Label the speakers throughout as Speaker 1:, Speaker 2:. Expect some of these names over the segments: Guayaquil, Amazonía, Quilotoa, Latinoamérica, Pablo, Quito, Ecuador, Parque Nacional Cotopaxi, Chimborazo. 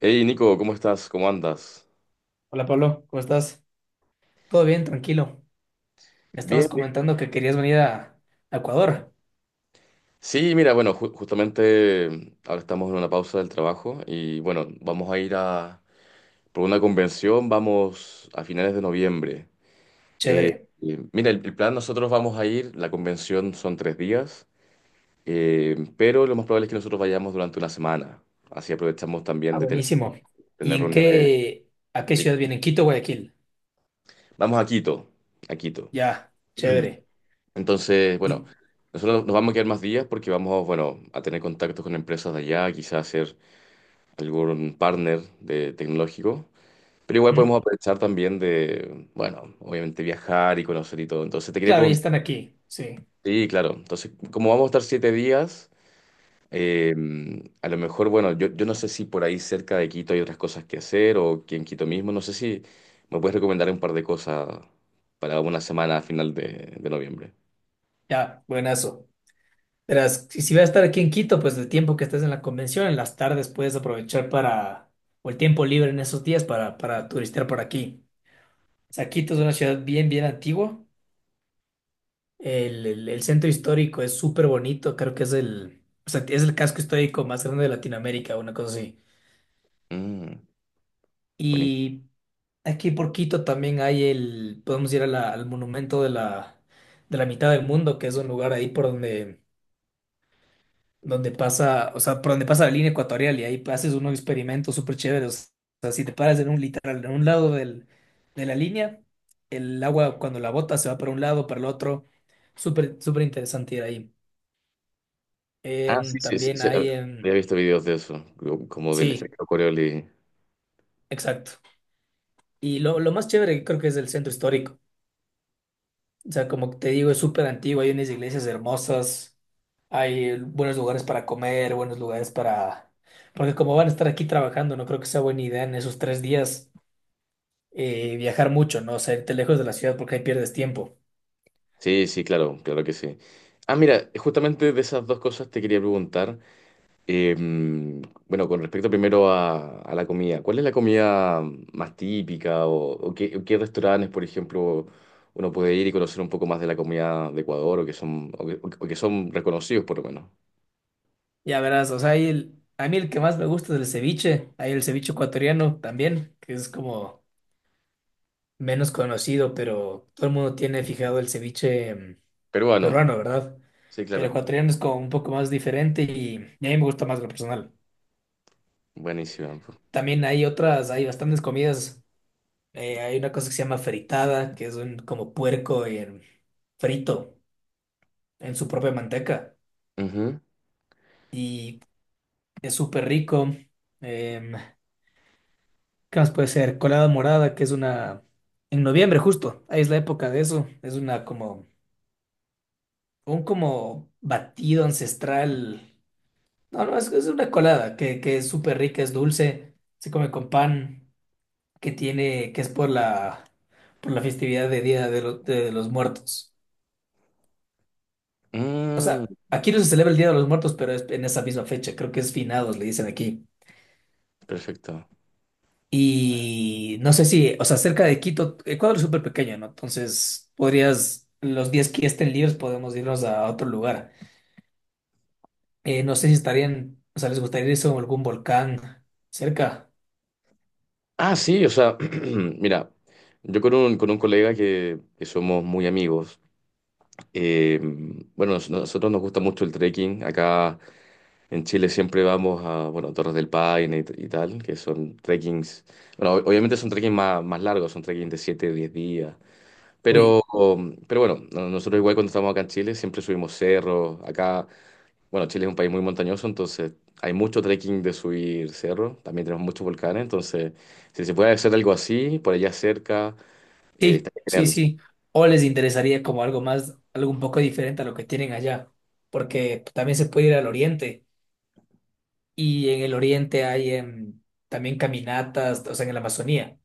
Speaker 1: Hey Nico, ¿cómo estás? ¿Cómo andas?
Speaker 2: Hola Pablo, ¿cómo estás? ¿Todo bien? Tranquilo. Me
Speaker 1: Bien,
Speaker 2: estabas
Speaker 1: bien.
Speaker 2: comentando que querías venir a Ecuador.
Speaker 1: Sí, mira, bueno, justamente ahora estamos en una pausa del trabajo y bueno, vamos a ir a por una convención, vamos a finales de noviembre. Eh,
Speaker 2: Chévere.
Speaker 1: mira, el plan, nosotros vamos a ir, la convención son 3 días, pero lo más probable es que nosotros vayamos durante una semana. Así aprovechamos
Speaker 2: Ah,
Speaker 1: también de tener,
Speaker 2: buenísimo. ¿Y
Speaker 1: tener
Speaker 2: en
Speaker 1: reuniones.
Speaker 2: qué, a qué
Speaker 1: de-
Speaker 2: ciudad vienen? Quito, Guayaquil.
Speaker 1: Vamos a Quito, a Quito.
Speaker 2: Ya, chévere.
Speaker 1: Entonces, bueno,
Speaker 2: Y
Speaker 1: nosotros nos vamos a quedar más días porque vamos, bueno, a tener contactos con empresas de allá, quizás hacer algún partner de tecnológico. Pero igual
Speaker 2: ¿Mm?
Speaker 1: podemos aprovechar también de, bueno, obviamente viajar y conocer y todo. Entonces te quería
Speaker 2: Claro, ya
Speaker 1: preguntar,
Speaker 2: están aquí. Sí,
Speaker 1: sí, claro. Entonces, como vamos a estar 7 días, eh, a lo mejor, bueno, yo no sé si por ahí cerca de Quito hay otras cosas que hacer o que en Quito mismo, no sé si me puedes recomendar un par de cosas para una semana a final de noviembre.
Speaker 2: ya, buenazo. Verás, si vas a estar aquí en Quito, pues el tiempo que estés en la convención, en las tardes puedes aprovechar o el tiempo libre en esos días para, turistear por aquí. O sea, Quito es una ciudad bien, bien antigua. El centro histórico es súper bonito, creo que es el, o sea, es el casco histórico más grande de Latinoamérica, una cosa así.
Speaker 1: Mm, buenísimo.
Speaker 2: Y aquí por Quito también podemos ir a al monumento de la mitad del mundo, que es un lugar ahí por donde pasa, o sea, por donde pasa la línea ecuatorial y ahí haces unos experimentos súper chéveres. O sea, si te paras en un literal, en un lado de la línea, el agua cuando la bota se va para un lado, para el otro. Súper, súper interesante ir ahí.
Speaker 1: Ah, sí, sí, sí,
Speaker 2: También
Speaker 1: sí, ah,
Speaker 2: hay,
Speaker 1: había
Speaker 2: em,
Speaker 1: visto videos de eso, como del
Speaker 2: sí,
Speaker 1: efecto Coriolis.
Speaker 2: exacto. Y lo más chévere que creo que es el centro histórico. O sea, como te digo, es súper antiguo, hay unas iglesias hermosas, hay buenos lugares para comer, buenos lugares para... Porque como van a estar aquí trabajando, no creo que sea buena idea en esos 3 días viajar mucho, ¿no? O sea, irte lejos de la ciudad porque ahí pierdes tiempo.
Speaker 1: Sí, sí, claro, claro que sí. Ah, mira, justamente de esas dos cosas te quería preguntar. eh, bueno, con respecto primero a la comida, ¿cuál es la comida más típica o qué, qué restaurantes, por ejemplo, uno puede ir y conocer un poco más de la comida de Ecuador o que son reconocidos por lo menos?
Speaker 2: Ya verás, o sea, ahí a mí el que más me gusta es el ceviche, hay el ceviche ecuatoriano también, que es como menos conocido, pero todo el mundo tiene fijado el ceviche
Speaker 1: Peruano.
Speaker 2: peruano, ¿verdad?
Speaker 1: Sí,
Speaker 2: Pero
Speaker 1: claro.
Speaker 2: ecuatoriano es como un poco más diferente y a mí me gusta más lo personal.
Speaker 1: Buenísimo.
Speaker 2: También hay otras, hay bastantes comidas, hay una cosa que se llama fritada, que es un como puerco frito en su propia manteca
Speaker 1: Ujú.
Speaker 2: y es súper rico. Em, ¿Qué más puede ser? Colada morada, que es una... En noviembre justo, ahí es la época de eso. Es una como... Un como batido ancestral. No, no, es una colada que es súper rica, es dulce, se come con pan, que tiene... que es por la festividad de Día de los Muertos. O
Speaker 1: Mm,
Speaker 2: sea, aquí no se celebra el Día de los Muertos, pero es en esa misma fecha. Creo que es finados, le dicen aquí.
Speaker 1: perfecto.
Speaker 2: Y no sé si, o sea, cerca de Quito, Ecuador es súper pequeño, ¿no? Entonces, podrías, los días que estén libres podemos irnos a otro lugar. No sé si estarían, o sea, les gustaría irse a algún volcán cerca.
Speaker 1: Ah, sí, o sea, mira, yo con un colega que somos muy amigos, eh, bueno, nosotros nos gusta mucho el trekking, acá en Chile siempre vamos a, bueno, Torres del Paine y, y tal, que son trekkings, bueno, obviamente son trekkings más, más largos, son trekkings de 7, 10 días,
Speaker 2: Uy,
Speaker 1: pero, pero bueno, nosotros igual cuando estamos acá en Chile siempre subimos cerros. Acá, bueno, Chile es un país muy montañoso, entonces hay mucho trekking de subir cerros. También tenemos muchos volcanes, entonces si se puede hacer algo así, por allá cerca,
Speaker 2: sí,
Speaker 1: está
Speaker 2: sí,
Speaker 1: genial.
Speaker 2: sí. O les interesaría como algo más, algo un poco diferente a lo que tienen allá, porque también se puede ir al oriente y en el oriente hay también caminatas, o sea, en la Amazonía.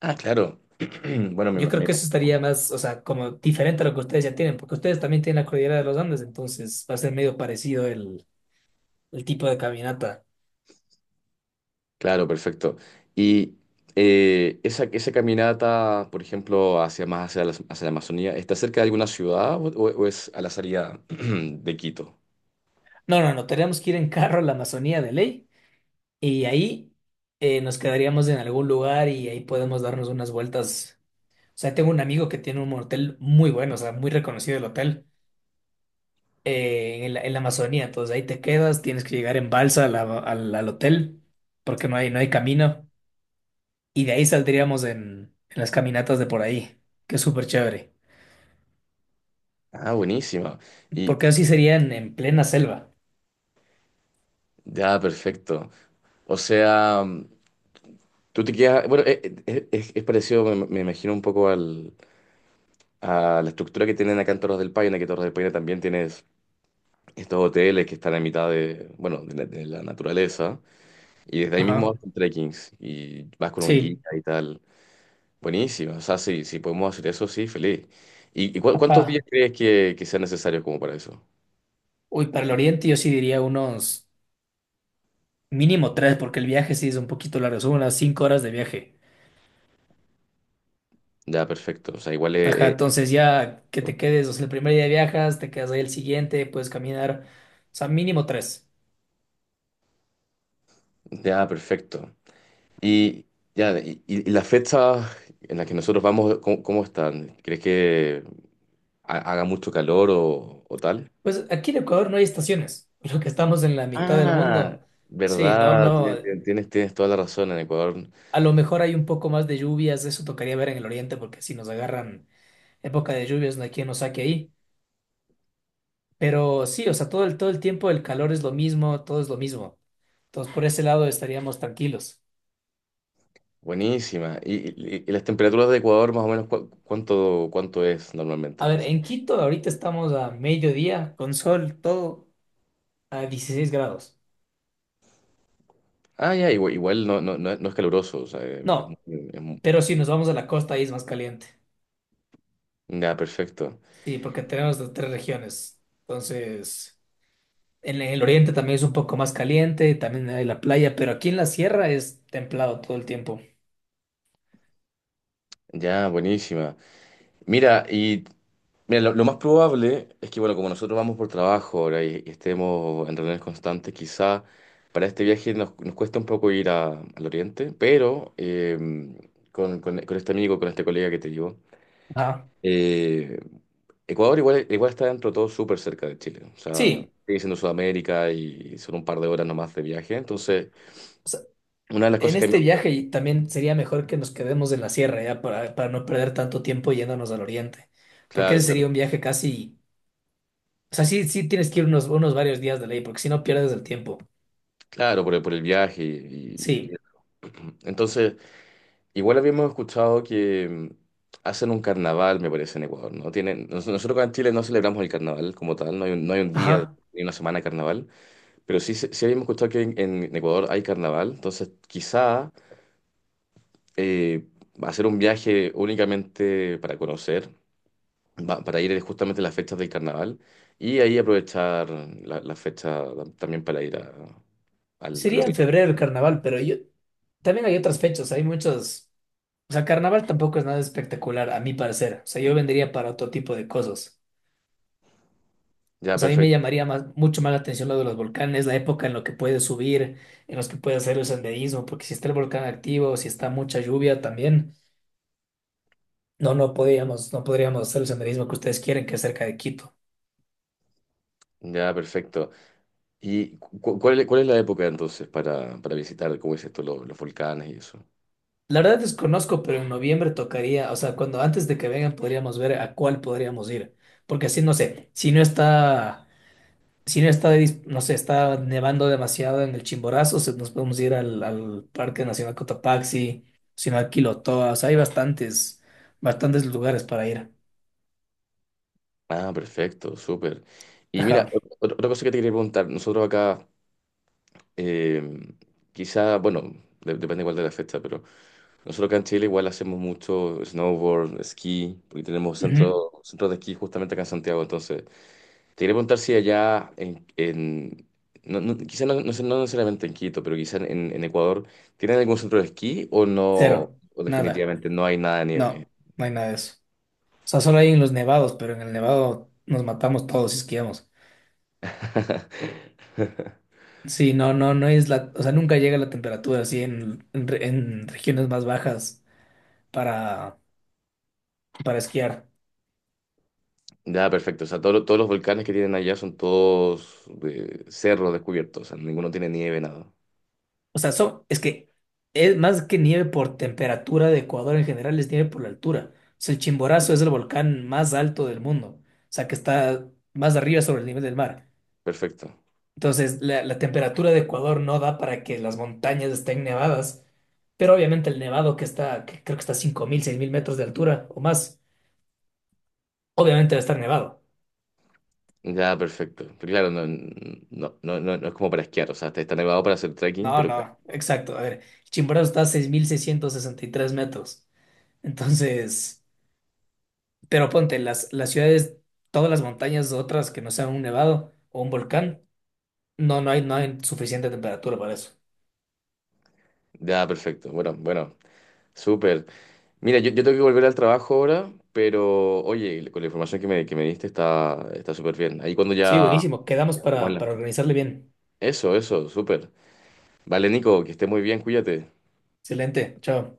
Speaker 1: Ah, claro. Bueno, me,
Speaker 2: Yo
Speaker 1: me
Speaker 2: creo que eso
Speaker 1: imagino.
Speaker 2: estaría más, o sea, como diferente a lo que ustedes ya tienen, porque ustedes también tienen la cordillera de los Andes, entonces va a ser medio parecido el tipo de caminata.
Speaker 1: Claro, perfecto. Y esa caminata, por ejemplo, hacia más hacia hacia la Amazonía, ¿está cerca de alguna ciudad o, o es a la salida de Quito?
Speaker 2: No, no, no, tenemos que ir en carro a la Amazonía de ley y ahí nos quedaríamos en algún lugar y ahí podemos darnos unas vueltas. O sea, tengo un amigo que tiene un hotel muy bueno, o sea, muy reconocido el hotel en la, Amazonía, entonces ahí te quedas, tienes que llegar en balsa a al hotel porque no hay camino. Y de ahí saldríamos en las caminatas de por ahí, que es súper chévere.
Speaker 1: Ah, buenísima. Y
Speaker 2: Porque así serían en plena selva.
Speaker 1: ya, perfecto. O sea, mm, tú te quedas. Bueno, es parecido, me imagino, un poco al, a la estructura que tienen acá en Torres del Paine, que Torres del Paine también tienes estos hoteles que están en mitad de, bueno, de de la naturaleza. Y desde ahí mismo
Speaker 2: Ajá.
Speaker 1: hacen trekkings y vas con un guía
Speaker 2: Sí.
Speaker 1: y tal. Buenísimo. O sea, si, si podemos hacer eso, sí, feliz. Y, y ¿cuántos días
Speaker 2: Ajá.
Speaker 1: crees que sean necesarios como para eso?
Speaker 2: Uy, para el oriente yo sí diría unos mínimo tres, porque el viaje sí es un poquito largo, son unas 5 horas de viaje.
Speaker 1: Ya, perfecto. O sea, igual es.
Speaker 2: Ajá,
Speaker 1: es-
Speaker 2: entonces ya que te quedes, o sea, el primer día viajas, te quedas ahí el siguiente, puedes caminar, o sea, mínimo tres.
Speaker 1: Ya, perfecto. Y, ya, y las fechas en las que nosotros vamos, ¿cómo, cómo están? ¿Crees que haga mucho calor o tal?
Speaker 2: Pues aquí en Ecuador no hay estaciones, lo que estamos en la mitad del
Speaker 1: Ah,
Speaker 2: mundo. Sí, no,
Speaker 1: verdad,
Speaker 2: no.
Speaker 1: tienes, tienes, tienes toda la razón en Ecuador.
Speaker 2: A lo mejor hay un poco más de lluvias, eso tocaría ver en el oriente, porque si nos agarran época de lluvias, no hay quien nos saque ahí. Pero sí, o sea, todo el, tiempo el calor es lo mismo, todo es lo mismo. Entonces, por ese lado estaríamos tranquilos.
Speaker 1: Buenísima. ¿Y, y las temperaturas de Ecuador más o menos cuánto, cuánto es normalmente?
Speaker 2: A
Speaker 1: O
Speaker 2: ver,
Speaker 1: sea,
Speaker 2: en Quito ahorita estamos a mediodía, con sol, todo a 16 grados.
Speaker 1: ah, ya, igual, igual no, no, no es no es caluroso. O sea, es
Speaker 2: No,
Speaker 1: es muy.
Speaker 2: pero si nos vamos a la costa, ahí es más caliente.
Speaker 1: Ya, perfecto.
Speaker 2: Sí, porque tenemos las tres regiones. Entonces, en el oriente también es un poco más caliente, también hay la playa, pero aquí en la sierra es templado todo el tiempo.
Speaker 1: Ya, buenísima. Mira, y mira, lo más probable es que, bueno, como nosotros vamos por trabajo ahora y estemos en reuniones constantes, quizá para este viaje nos, nos cuesta un poco ir al oriente, pero con, con este amigo, con este colega que te digo,
Speaker 2: Ah,
Speaker 1: eh, Ecuador igual, igual está dentro de todo súper cerca de Chile. O sea,
Speaker 2: sí.
Speaker 1: sigue siendo Sudamérica y son un par de horas nomás de viaje. Entonces,
Speaker 2: O sea,
Speaker 1: una de las
Speaker 2: en
Speaker 1: cosas que a mí.
Speaker 2: este viaje y también sería mejor que nos quedemos en la sierra ya para, no perder tanto tiempo yéndonos al oriente. Porque
Speaker 1: Claro,
Speaker 2: ese sería
Speaker 1: claro.
Speaker 2: un viaje casi. O sea, sí, sí tienes que ir unos varios días de ley, porque si no pierdes el tiempo.
Speaker 1: Claro, por el viaje y, y.
Speaker 2: Sí.
Speaker 1: Entonces, igual habíamos escuchado que hacen un carnaval, me parece, en Ecuador, ¿no? Tienen, nosotros acá en Chile no celebramos el carnaval como tal, no hay un, no hay un día
Speaker 2: Ajá.
Speaker 1: ni una semana de carnaval, pero sí, sí habíamos escuchado que en Ecuador hay carnaval, entonces quizá eh, hacer un viaje únicamente para conocer, para ir justamente a las fechas del carnaval y ahí aprovechar la, la fecha también para ir al, al
Speaker 2: Sería en
Speaker 1: oriente.
Speaker 2: febrero el carnaval, pero yo también hay otras fechas, hay muchos. O sea, carnaval tampoco es nada espectacular, a mi parecer. O sea, yo vendría para otro tipo de cosas.
Speaker 1: Ya,
Speaker 2: O sea, a mí me
Speaker 1: perfecto.
Speaker 2: llamaría más, mucho más la atención lo de los volcanes, la época en la que puedes subir, en los que puedes hacer el senderismo, porque si está el volcán activo, si está mucha lluvia también, no, no podríamos, hacer el senderismo que ustedes quieren, que es cerca de Quito.
Speaker 1: Ya, perfecto. Y cuál, es ¿cuál es la época entonces para visitar, como dices tú, los volcanes y eso?
Speaker 2: La verdad desconozco, pero en noviembre tocaría, o sea, cuando antes de que vengan podríamos ver a cuál podríamos ir, porque así no sé, si no está no sé, está nevando demasiado en el Chimborazo, nos podemos ir al, Parque Nacional Cotopaxi, Nacional Quilotoa, o sea, hay bastantes, bastantes lugares para ir.
Speaker 1: Ah, perfecto, súper. Y mira,
Speaker 2: Ajá.
Speaker 1: otra cosa que te quería preguntar, nosotros acá, eh, quizá, bueno, depende igual de la fecha, pero nosotros acá en Chile igual hacemos mucho snowboard, esquí, porque tenemos
Speaker 2: Ujú.
Speaker 1: centro, centros de esquí justamente acá en Santiago, entonces te quería preguntar si allá en no, no, quizá no, no necesariamente en Quito, pero quizá en Ecuador, ¿tienen algún centro de esquí o no,
Speaker 2: Cero.
Speaker 1: o
Speaker 2: Nada.
Speaker 1: definitivamente no hay nada de nieve?
Speaker 2: No, no hay nada de eso. O sea, solo hay en los nevados, pero en el nevado nos matamos todos si esquiamos. Sí, no, no, no es la, o sea, nunca llega la temperatura así en regiones más bajas para, para esquiar.
Speaker 1: Ya, perfecto. O sea, todo todos los volcanes que tienen allá son todos cerros descubiertos. O sea, ninguno tiene nieve, nada.
Speaker 2: O sea, es que es más que nieve por temperatura de Ecuador en general, es nieve por la altura. O sea, el Chimborazo es el volcán más alto del mundo. O sea, que está más arriba sobre el nivel del mar.
Speaker 1: Perfecto.
Speaker 2: Entonces, la temperatura de Ecuador no da para que las montañas estén nevadas. Pero obviamente el nevado que está, que creo que está a 5.000, 6.000 metros de altura o más, obviamente va a estar nevado.
Speaker 1: Ya, perfecto. Pero claro, no, no, no, no, no es como para esquiar. O sea, está está nevado para hacer trekking,
Speaker 2: No,
Speaker 1: pero
Speaker 2: no, exacto. A ver, el Chimborazo está a 6.663 metros. Entonces... Pero ponte, las, ciudades, todas las montañas otras que no sean un nevado o un volcán, no, no hay, suficiente temperatura para eso.
Speaker 1: ya, perfecto. Bueno, bueno, súper. Mira, yo tengo que volver al trabajo ahora, pero oye, con la información que me diste está está súper bien. Ahí cuando
Speaker 2: Sí,
Speaker 1: ya...
Speaker 2: buenísimo. Quedamos
Speaker 1: ya estemos en
Speaker 2: para,
Speaker 1: la.
Speaker 2: para organizarle bien.
Speaker 1: Eso, eso, súper. Vale, Nico, que estés muy bien, cuídate.
Speaker 2: Excelente. Chao.